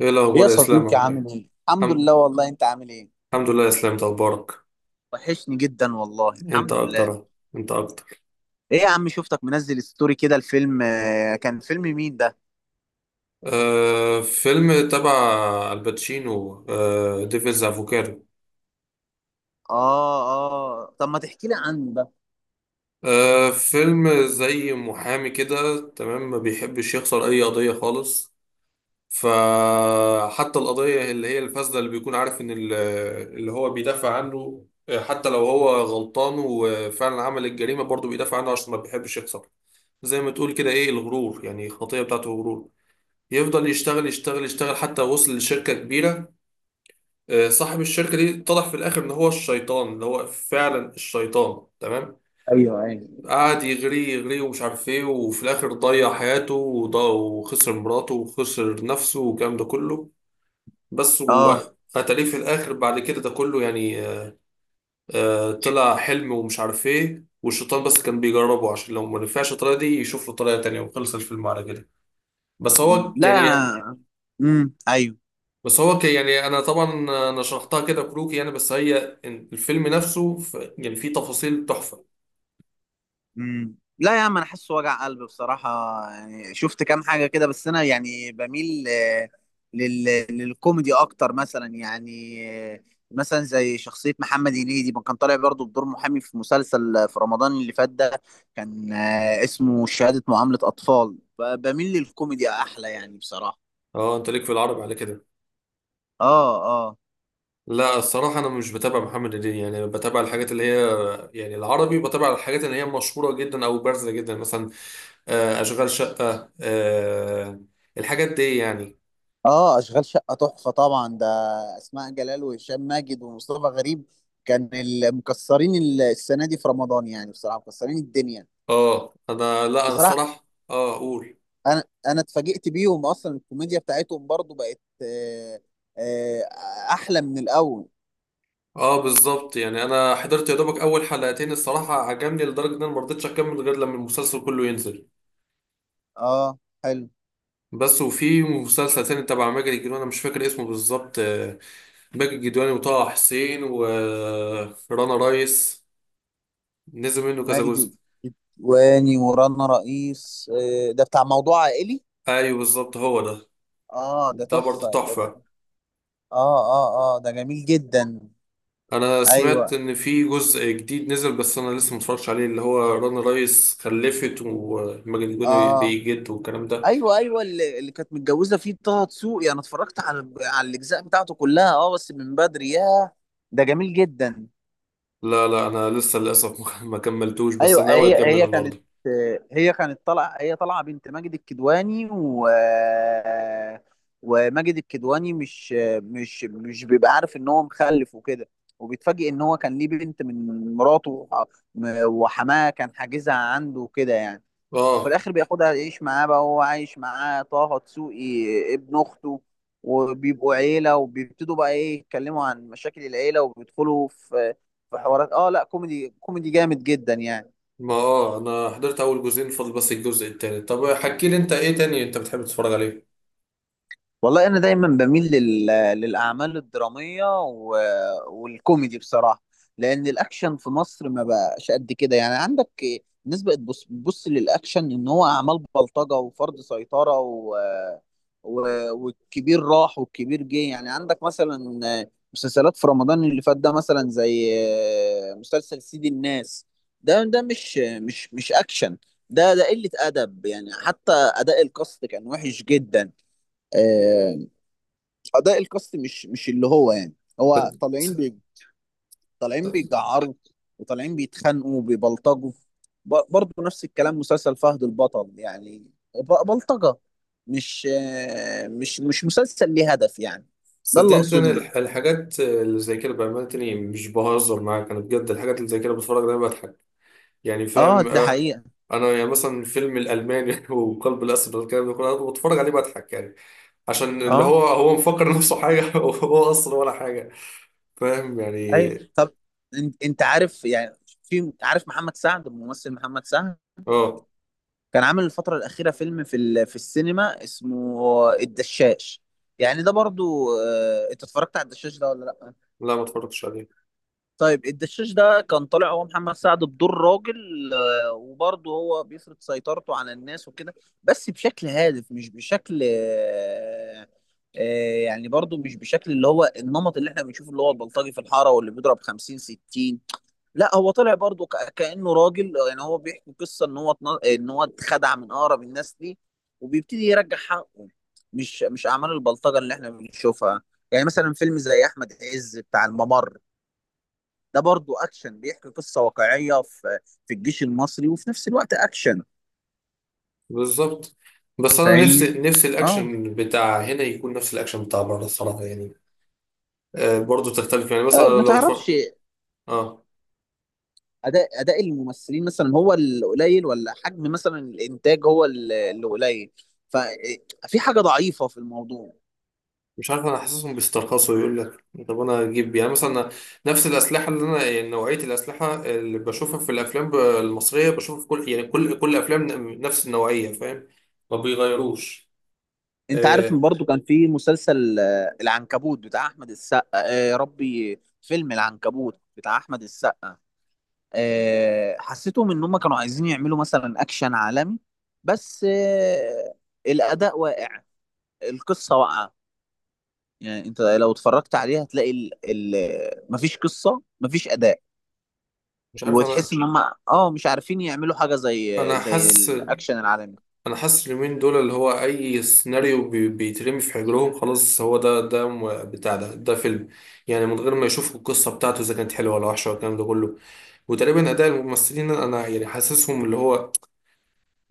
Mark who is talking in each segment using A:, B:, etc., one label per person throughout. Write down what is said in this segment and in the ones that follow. A: ايه
B: ايه
A: الاخبار
B: يا
A: يا اسلام؟
B: صديقي،
A: عامل
B: عامل
A: ايه؟
B: ايه؟ الحمد
A: الحمد
B: لله والله. انت عامل ايه؟
A: الحمد لله يا اسلام، اخبارك؟
B: وحشني جدا والله،
A: انت
B: الحمد لله.
A: اكتر انت اكتر.
B: ايه يا عم، شفتك منزل ستوري كده الفيلم، كان فيلم مين ده؟
A: فيلم تبع الباتشينو، ديفيلز افوكادو.
B: اه، اه. طب ما تحكي لي عنه ده.
A: فيلم زي محامي كده، تمام؟ ما بيحبش يخسر اي قضية خالص. فحتى القضية اللي هي الفاسدة، اللي بيكون عارف ان اللي هو بيدافع عنه، حتى لو هو غلطان وفعلا عمل الجريمة، برضه بيدافع عنه عشان ما بيحبش يخسر. زي ما تقول كده ايه؟ الغرور، يعني الخطية بتاعته غرور. يفضل يشتغل يشتغل يشتغل حتى وصل لشركة كبيرة. صاحب الشركة دي اتضح في الآخر إن هو الشيطان، اللي هو فعلا الشيطان، تمام.
B: ايوه، ايوه.
A: قعد يغري يغري ومش عارف إيه، وفي الآخر ضيع حياته وضا- وخسر مراته وخسر نفسه والكلام ده كله. بس
B: اه.
A: وقتليه في الآخر بعد كده ده كله يعني. طلع حلم ومش عارف إيه، والشيطان بس كان بيجربه عشان لو ما نفعش الطريقة دي يشوف له طريقة تانية، وخلص الفيلم على كده. بس هو يعني.
B: لا. ايوه.
A: بس هو ك- يعني انا طبعا انا شرحتها كده كروكي يعني. بس هي الفيلم نفسه يعني فيه تفاصيل تحفه.
B: لا يا عم، انا حاسه وجع قلب بصراحه. يعني شفت كام حاجه كده، بس انا يعني بميل لل... للكوميدي اكتر مثلا يعني. آه، مثلا زي شخصيه محمد هنيدي، ما كان طالع برضه بدور محامي في مسلسل في رمضان اللي فات ده. كان اسمه شهاده معامله اطفال. بميل للكوميدي احلى يعني بصراحه.
A: اه انت ليك في العربي على كده.
B: اه، اه،
A: لا، الصراحه انا مش بتابع محمد هدية. يعني بتابع الحاجات اللي هي يعني العربي، بتابع الحاجات اللي هي مشهوره جدا او بارزه جدا مثلا. اشغال شقه، الحاجات دي يعني.
B: اه، اشغال شقه تحفه طبعا ده. اسماء جلال وهشام ماجد ومصطفى غريب كان مكسرين السنه دي في رمضان، يعني بصراحه مكسرين الدنيا
A: اه انا، لا انا
B: بصراحه.
A: الصراحه اقول.
B: انا اتفاجئت بيهم اصلا، الكوميديا بتاعتهم برضو بقت آه، احلى من الاول.
A: اه بالظبط. يعني انا حضرت يا دوبك اول حلقتين، الصراحه عجبني لدرجه ان انا ما رضيتش اكمل غير لما المسلسل كله ينزل.
B: اه، حلو.
A: بس وفي مسلسل تاني تبع ماجد الكدواني، انا مش فاكر اسمه بالظبط. ماجد الكدواني وطه حسين ورنا رايس. نزل منه كذا
B: ماجد
A: جزء.
B: الكدواني ورانا رئيس، ده بتاع موضوع عائلي.
A: ايوه بالظبط، هو ده.
B: اه، ده
A: ده برضه
B: تحفه
A: تحفة.
B: اه، اه، اه، ده جميل جدا.
A: انا سمعت
B: ايوه.
A: ان في جزء جديد نزل بس انا لسه متفرجش عليه، اللي هو رنا رايس خلفت وماجد الكدواني
B: اه.
A: بيجد والكلام ده.
B: ايوه، ايوه، اللي كانت متجوزه فيه طه دسوقي، انا اتفرجت على الاجزاء بتاعته كلها، اه، بس من بدري يا. ده جميل جدا.
A: لا لا، انا لسه للاسف ما كملتوش، بس انا
B: ايوه،
A: ناوي
B: هي
A: اكمله
B: هي كانت،
A: النهارده.
B: هي كانت طالعه هي طالعه بنت ماجد الكدواني، وماجد الكدواني مش بيبقى عارف ان هو مخلف وكده، وبيتفاجئ ان هو كان ليه بنت من مراته وحماه كان حاجزها عنده وكده يعني. وفي
A: اه.
B: الاخر بياخدها يعيش معاه، بقى هو عايش معاه طه دسوقي ابن اخته، وبيبقوا عيله وبيبتدوا بقى ايه يتكلموا عن مشاكل العيله، وبيدخلوا في حوارات. اه. لا، كوميدي كوميدي جامد جدا يعني.
A: ما اه انا حضرت اول جزئين، فاضل بس الجزء التالت. طب حكي لي انت ايه تاني انت بتحب تتفرج عليه؟
B: والله انا دايما بميل للاعمال الدراميه والكوميدي بصراحه، لان الاكشن في مصر ما بقاش قد كده. يعني عندك الناس بقت بص للاكشن ان هو اعمال بلطجه وفرض سيطره و... والكبير راح والكبير جه. يعني عندك مثلا مسلسلات في رمضان اللي فات ده مثلا زي مسلسل سيد الناس، ده مش مش اكشن، ده قله ادب يعني، حتى اداء الكاست كان وحش جدا. آه، اداء الكاست مش اللي هو يعني. هو
A: صد-
B: طالعين طالعين بيجعروا، وطالعين بيتخانقوا وبيبلطجوا. برضه نفس الكلام مسلسل فهد البطل يعني، بلطجة. مش آه، مش مش مسلسل ليه هدف يعني. ده اللي
A: صدقني، انا
B: اقصده.
A: الحاجات اللي زي كده بامانه تاني مش بهزر معاك انا بجد. الحاجات اللي زي كده بتفرج عليها بضحك يعني،
B: اه،
A: فاهم؟
B: ده حقيقة.
A: انا يعني مثلا فيلم الالماني وقلب الاسد والكلام ده كله، انا بتفرج عليه بضحك يعني. عشان اللي
B: اه،
A: هو هو مفكر نفسه حاجه وهو اصلا ولا حاجه، فاهم يعني.
B: ايوه. طب انت عارف يعني، في عارف محمد سعد الممثل؟ محمد سعد
A: اه
B: كان عامل الفترة الأخيرة فيلم في السينما اسمه الدشاش. يعني ده برضو انت اتفرجت على الدشاش ده ولا لأ؟
A: لا، ما اتفرجتش عليه.
B: طيب الدشاش ده كان طالع هو محمد سعد بدور راجل، وبرضه هو بيفرض سيطرته على الناس وكده، بس بشكل هادف مش بشكل يعني. برضه مش بشكل اللي هو النمط اللي احنا بنشوفه، اللي هو البلطجي في الحارة واللي بيضرب 50 60. لا، هو طلع برضه كأنه راجل، يعني هو بيحكي قصة ان هو اتخدع من اقرب الناس ليه، وبيبتدي يرجع حقه. مش اعمال البلطجة اللي احنا بنشوفها. يعني مثلا فيلم زي احمد عز بتاع الممر، ده برضه اكشن بيحكي قصة واقعية في الجيش المصري، وفي نفس الوقت اكشن.
A: بالظبط. بس انا نفسي
B: فاهمني.
A: نفسي
B: اه.
A: الاكشن بتاع هنا يكون نفس الاكشن بتاع بره الصراحه يعني. برضه تختلف يعني مثلا
B: ما
A: لو
B: تعرفش
A: اه
B: اداء الممثلين مثلا هو اللي قليل، ولا حجم مثلا الانتاج هو اللي قليل؟ ففي حاجة ضعيفة في الموضوع.
A: مش عارف. انا حاسسهم بيسترخصوا، يقول لك طب انا اجيب يعني مثلا نفس الاسلحه اللي انا يعني نوعيه الاسلحه اللي بشوفها في الافلام المصريه، بشوفها في كل يعني كل افلام نفس النوعيه، فاهم؟ ما بيغيروش.
B: انت عارف
A: آه
B: من برضو كان في مسلسل العنكبوت بتاع احمد السقا، يا ربي، فيلم العنكبوت بتاع احمد السقا. حسيتهم ان هم كانوا عايزين يعملوا مثلا اكشن عالمي، بس الاداء واقع، القصه واقعه. يعني انت لو اتفرجت عليها هتلاقي ال ال مفيش قصه، مفيش اداء،
A: مش عارف.
B: وتحس ان هم، اه مش عارفين يعملوا حاجه زي
A: انا
B: زي
A: حاسس
B: الاكشن العالمي.
A: انا حاسس اليومين دول اللي هو اي سيناريو بيترمي في حجرهم، خلاص هو ده. ده م- بتاع ده ده فيلم. يعني من غير ما يشوفوا القصه بتاعته اذا كانت حلوه ولا وحشه والكلام ده كله. وتقريبا اداء الممثلين، انا يعني حاسسهم اللي هو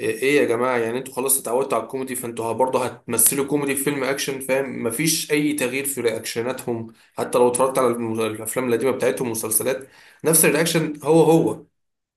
A: ايه، يا جماعه، يعني انتوا خلاص اتعودتوا على الكوميدي فانتوا برضه هتمثلوا كوميدي في فيلم اكشن، فاهم؟ مفيش اي تغيير في رياكشناتهم. حتى لو اتفرجت على الافلام القديمه بتاعتهم والمسلسلات، نفس الرياكشن هو هو،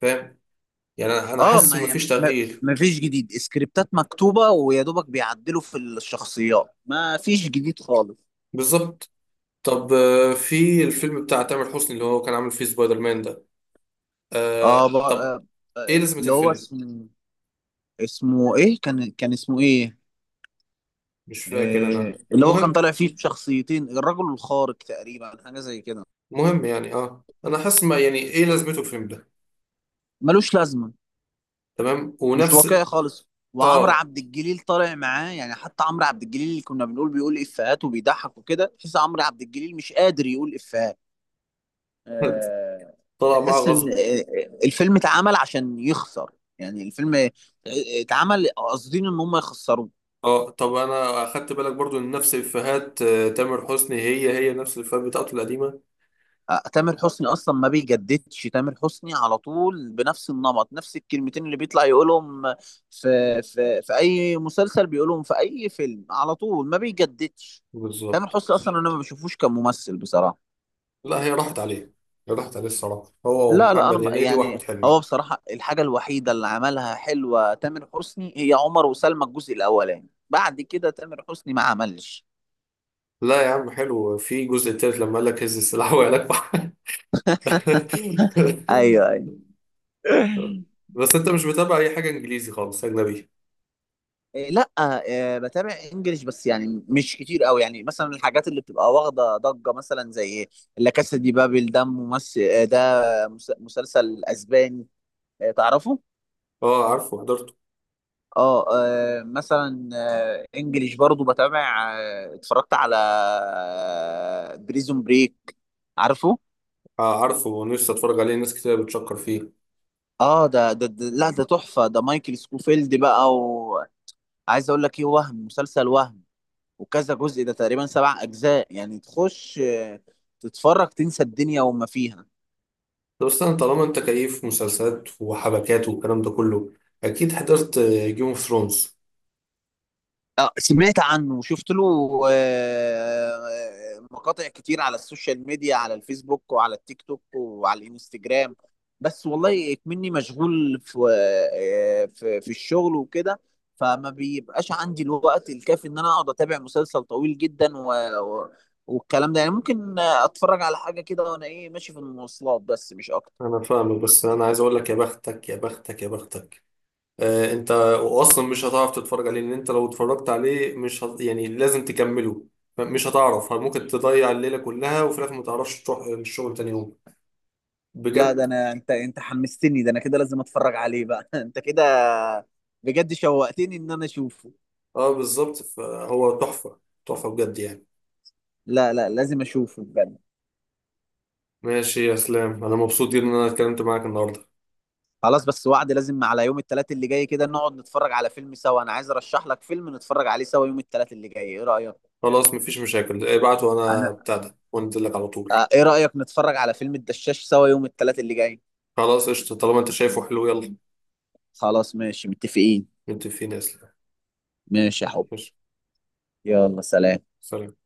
A: فاهم يعني. أنا
B: اه،
A: حاسس
B: ما
A: إن
B: يعني،
A: مفيش
B: ما
A: تغيير.
B: ما فيش جديد. سكريبتات مكتوبة ويا دوبك بيعدلوا في الشخصيات، ما فيش جديد خالص.
A: بالظبط. طب في الفيلم بتاع تامر حسني اللي هو كان عامل فيه سبايدر مان ده.
B: اه.
A: طب ايه لازمة
B: اللي هو
A: الفيلم؟
B: اسمه ايه؟ كان اسمه ايه؟
A: مش فاكر انا،
B: اللي هو كان
A: المهم.
B: طالع فيه بشخصيتين، الرجل الخارق تقريبا، حاجة زي كده.
A: المهم يعني، اه انا حاسس ما يعني، ايه لازمته الفيلم ده.
B: ملوش لازمة،
A: تمام.
B: مش
A: ونفس
B: واقعي خالص. وعمرو
A: اه
B: عبد الجليل طالع معاه يعني، حتى عمرو عبد الجليل اللي كنا بنقول بيقول افيهات وبيضحك وكده، تحس عمرو عبد الجليل مش قادر يقول افيهات. آه،
A: طلع معاه
B: تحس ان
A: غصب.
B: الفيلم اتعمل عشان يخسر. يعني الفيلم اتعمل قاصدين ان هم يخسروه.
A: اه طب، انا اخدت بالك برضو ان نفس افيهات تامر حسني هي هي نفس الافيهات بتاعته القديمة.
B: تامر حسني اصلا ما بيجددش، تامر حسني على طول بنفس النمط، نفس الكلمتين اللي بيطلع يقولهم في اي مسلسل بيقولهم في اي فيلم، على طول ما بيجددش. تامر
A: بالظبط.
B: حسني اصلا انا ما بشوفوش كممثل بصراحة.
A: لا، هي راحت عليه الصراحة، هو
B: لا، لا، انا
A: ومحمد هنيدي واحمد
B: يعني هو
A: حلمي.
B: بصراحة الحاجة الوحيدة اللي عملها حلوة تامر حسني هي عمر وسلمى الجزء الاولاني، بعد كده تامر حسني ما عملش.
A: لا يا عم، حلو. في جزء تالت لما قال لك هز السلاح وقال لك
B: ايوه، ايوه.
A: بس انت مش متابع اي حاجه انجليزي خالص، اجنبي؟
B: إيه، لا، بتابع انجليش بس يعني مش كتير قوي. يعني مثلا الحاجات اللي بتبقى واخدة ضجة، مثلا زي لا كاسا دي بابل، ده ممثل، ده مسلسل اسباني. تعرفه؟
A: اه عارفه، حضرته.
B: اه. مثلا انجليش برضو بتابع. اتفرجت على بريزون بريك، عارفه؟
A: عارفه، ونفسي اتفرج عليه، ناس كتير بتشكر فيه.
B: اه، ده، لا ده تحفة، ده مايكل سكوفيلد بقى. وعايز اقول لك ايه، وهم مسلسل، وهم وكذا جزء، ده تقريبا 7 اجزاء يعني. تخش تتفرج، تنسى الدنيا وما فيها.
A: طب استنى، طالما انت كيف مسلسلات وحبكات والكلام ده كله، اكيد حضرت جيم اوف ثرونز.
B: اه، سمعت عنه وشفت له مقاطع كتير على السوشيال ميديا، على الفيسبوك وعلى التيك توك وعلى الانستجرام. بس والله اكمني مشغول في آه، في في الشغل وكده، فما بيبقاش عندي الوقت الكافي ان انا اقعد اتابع مسلسل طويل جدا و... والكلام ده يعني. ممكن اتفرج على حاجة كده وانا ايه ماشي في المواصلات، بس مش اكتر.
A: انا فاهمك، بس انا عايز اقول لك يا بختك يا بختك يا بختك. انت اصلا مش هتعرف تتفرج عليه. لان انت لو اتفرجت عليه مش يعني لازم تكمله. مش هتعرف، ممكن تضيع الليله كلها وفي الاخر ما تعرفش تروح الشغل تاني يوم،
B: لا ده
A: بجد.
B: انا، انت حمستني. ده انا كده لازم اتفرج عليه بقى. انت كده بجد شوقتني ان انا اشوفه.
A: اه بالظبط، فهو تحفة. تحفة بجد يعني.
B: لا، لا، لازم اشوفه بجد.
A: ماشي يا اسلام، انا مبسوط جدا ان انا اتكلمت معاك النهارده.
B: خلاص، بس وعد لازم على يوم الثلاث اللي جاي كده نقعد نتفرج على فيلم سوا. انا عايز ارشح لك فيلم نتفرج عليه سوا يوم الثلاث اللي جاي، ايه رأيك؟
A: خلاص مفيش مشاكل، ابعت وانا
B: انا
A: بتاع ده وانزل لك على طول.
B: ايه رأيك نتفرج على فيلم الدشاش سوا يوم الثلاث اللي جاي؟
A: خلاص قشطة، طالما انت شايفه حلو، يلا.
B: خلاص، ماشي، متفقين.
A: متفقين يا اسلام.
B: ماشي يا حب.
A: ماشي.
B: يلا، سلام.
A: سلام.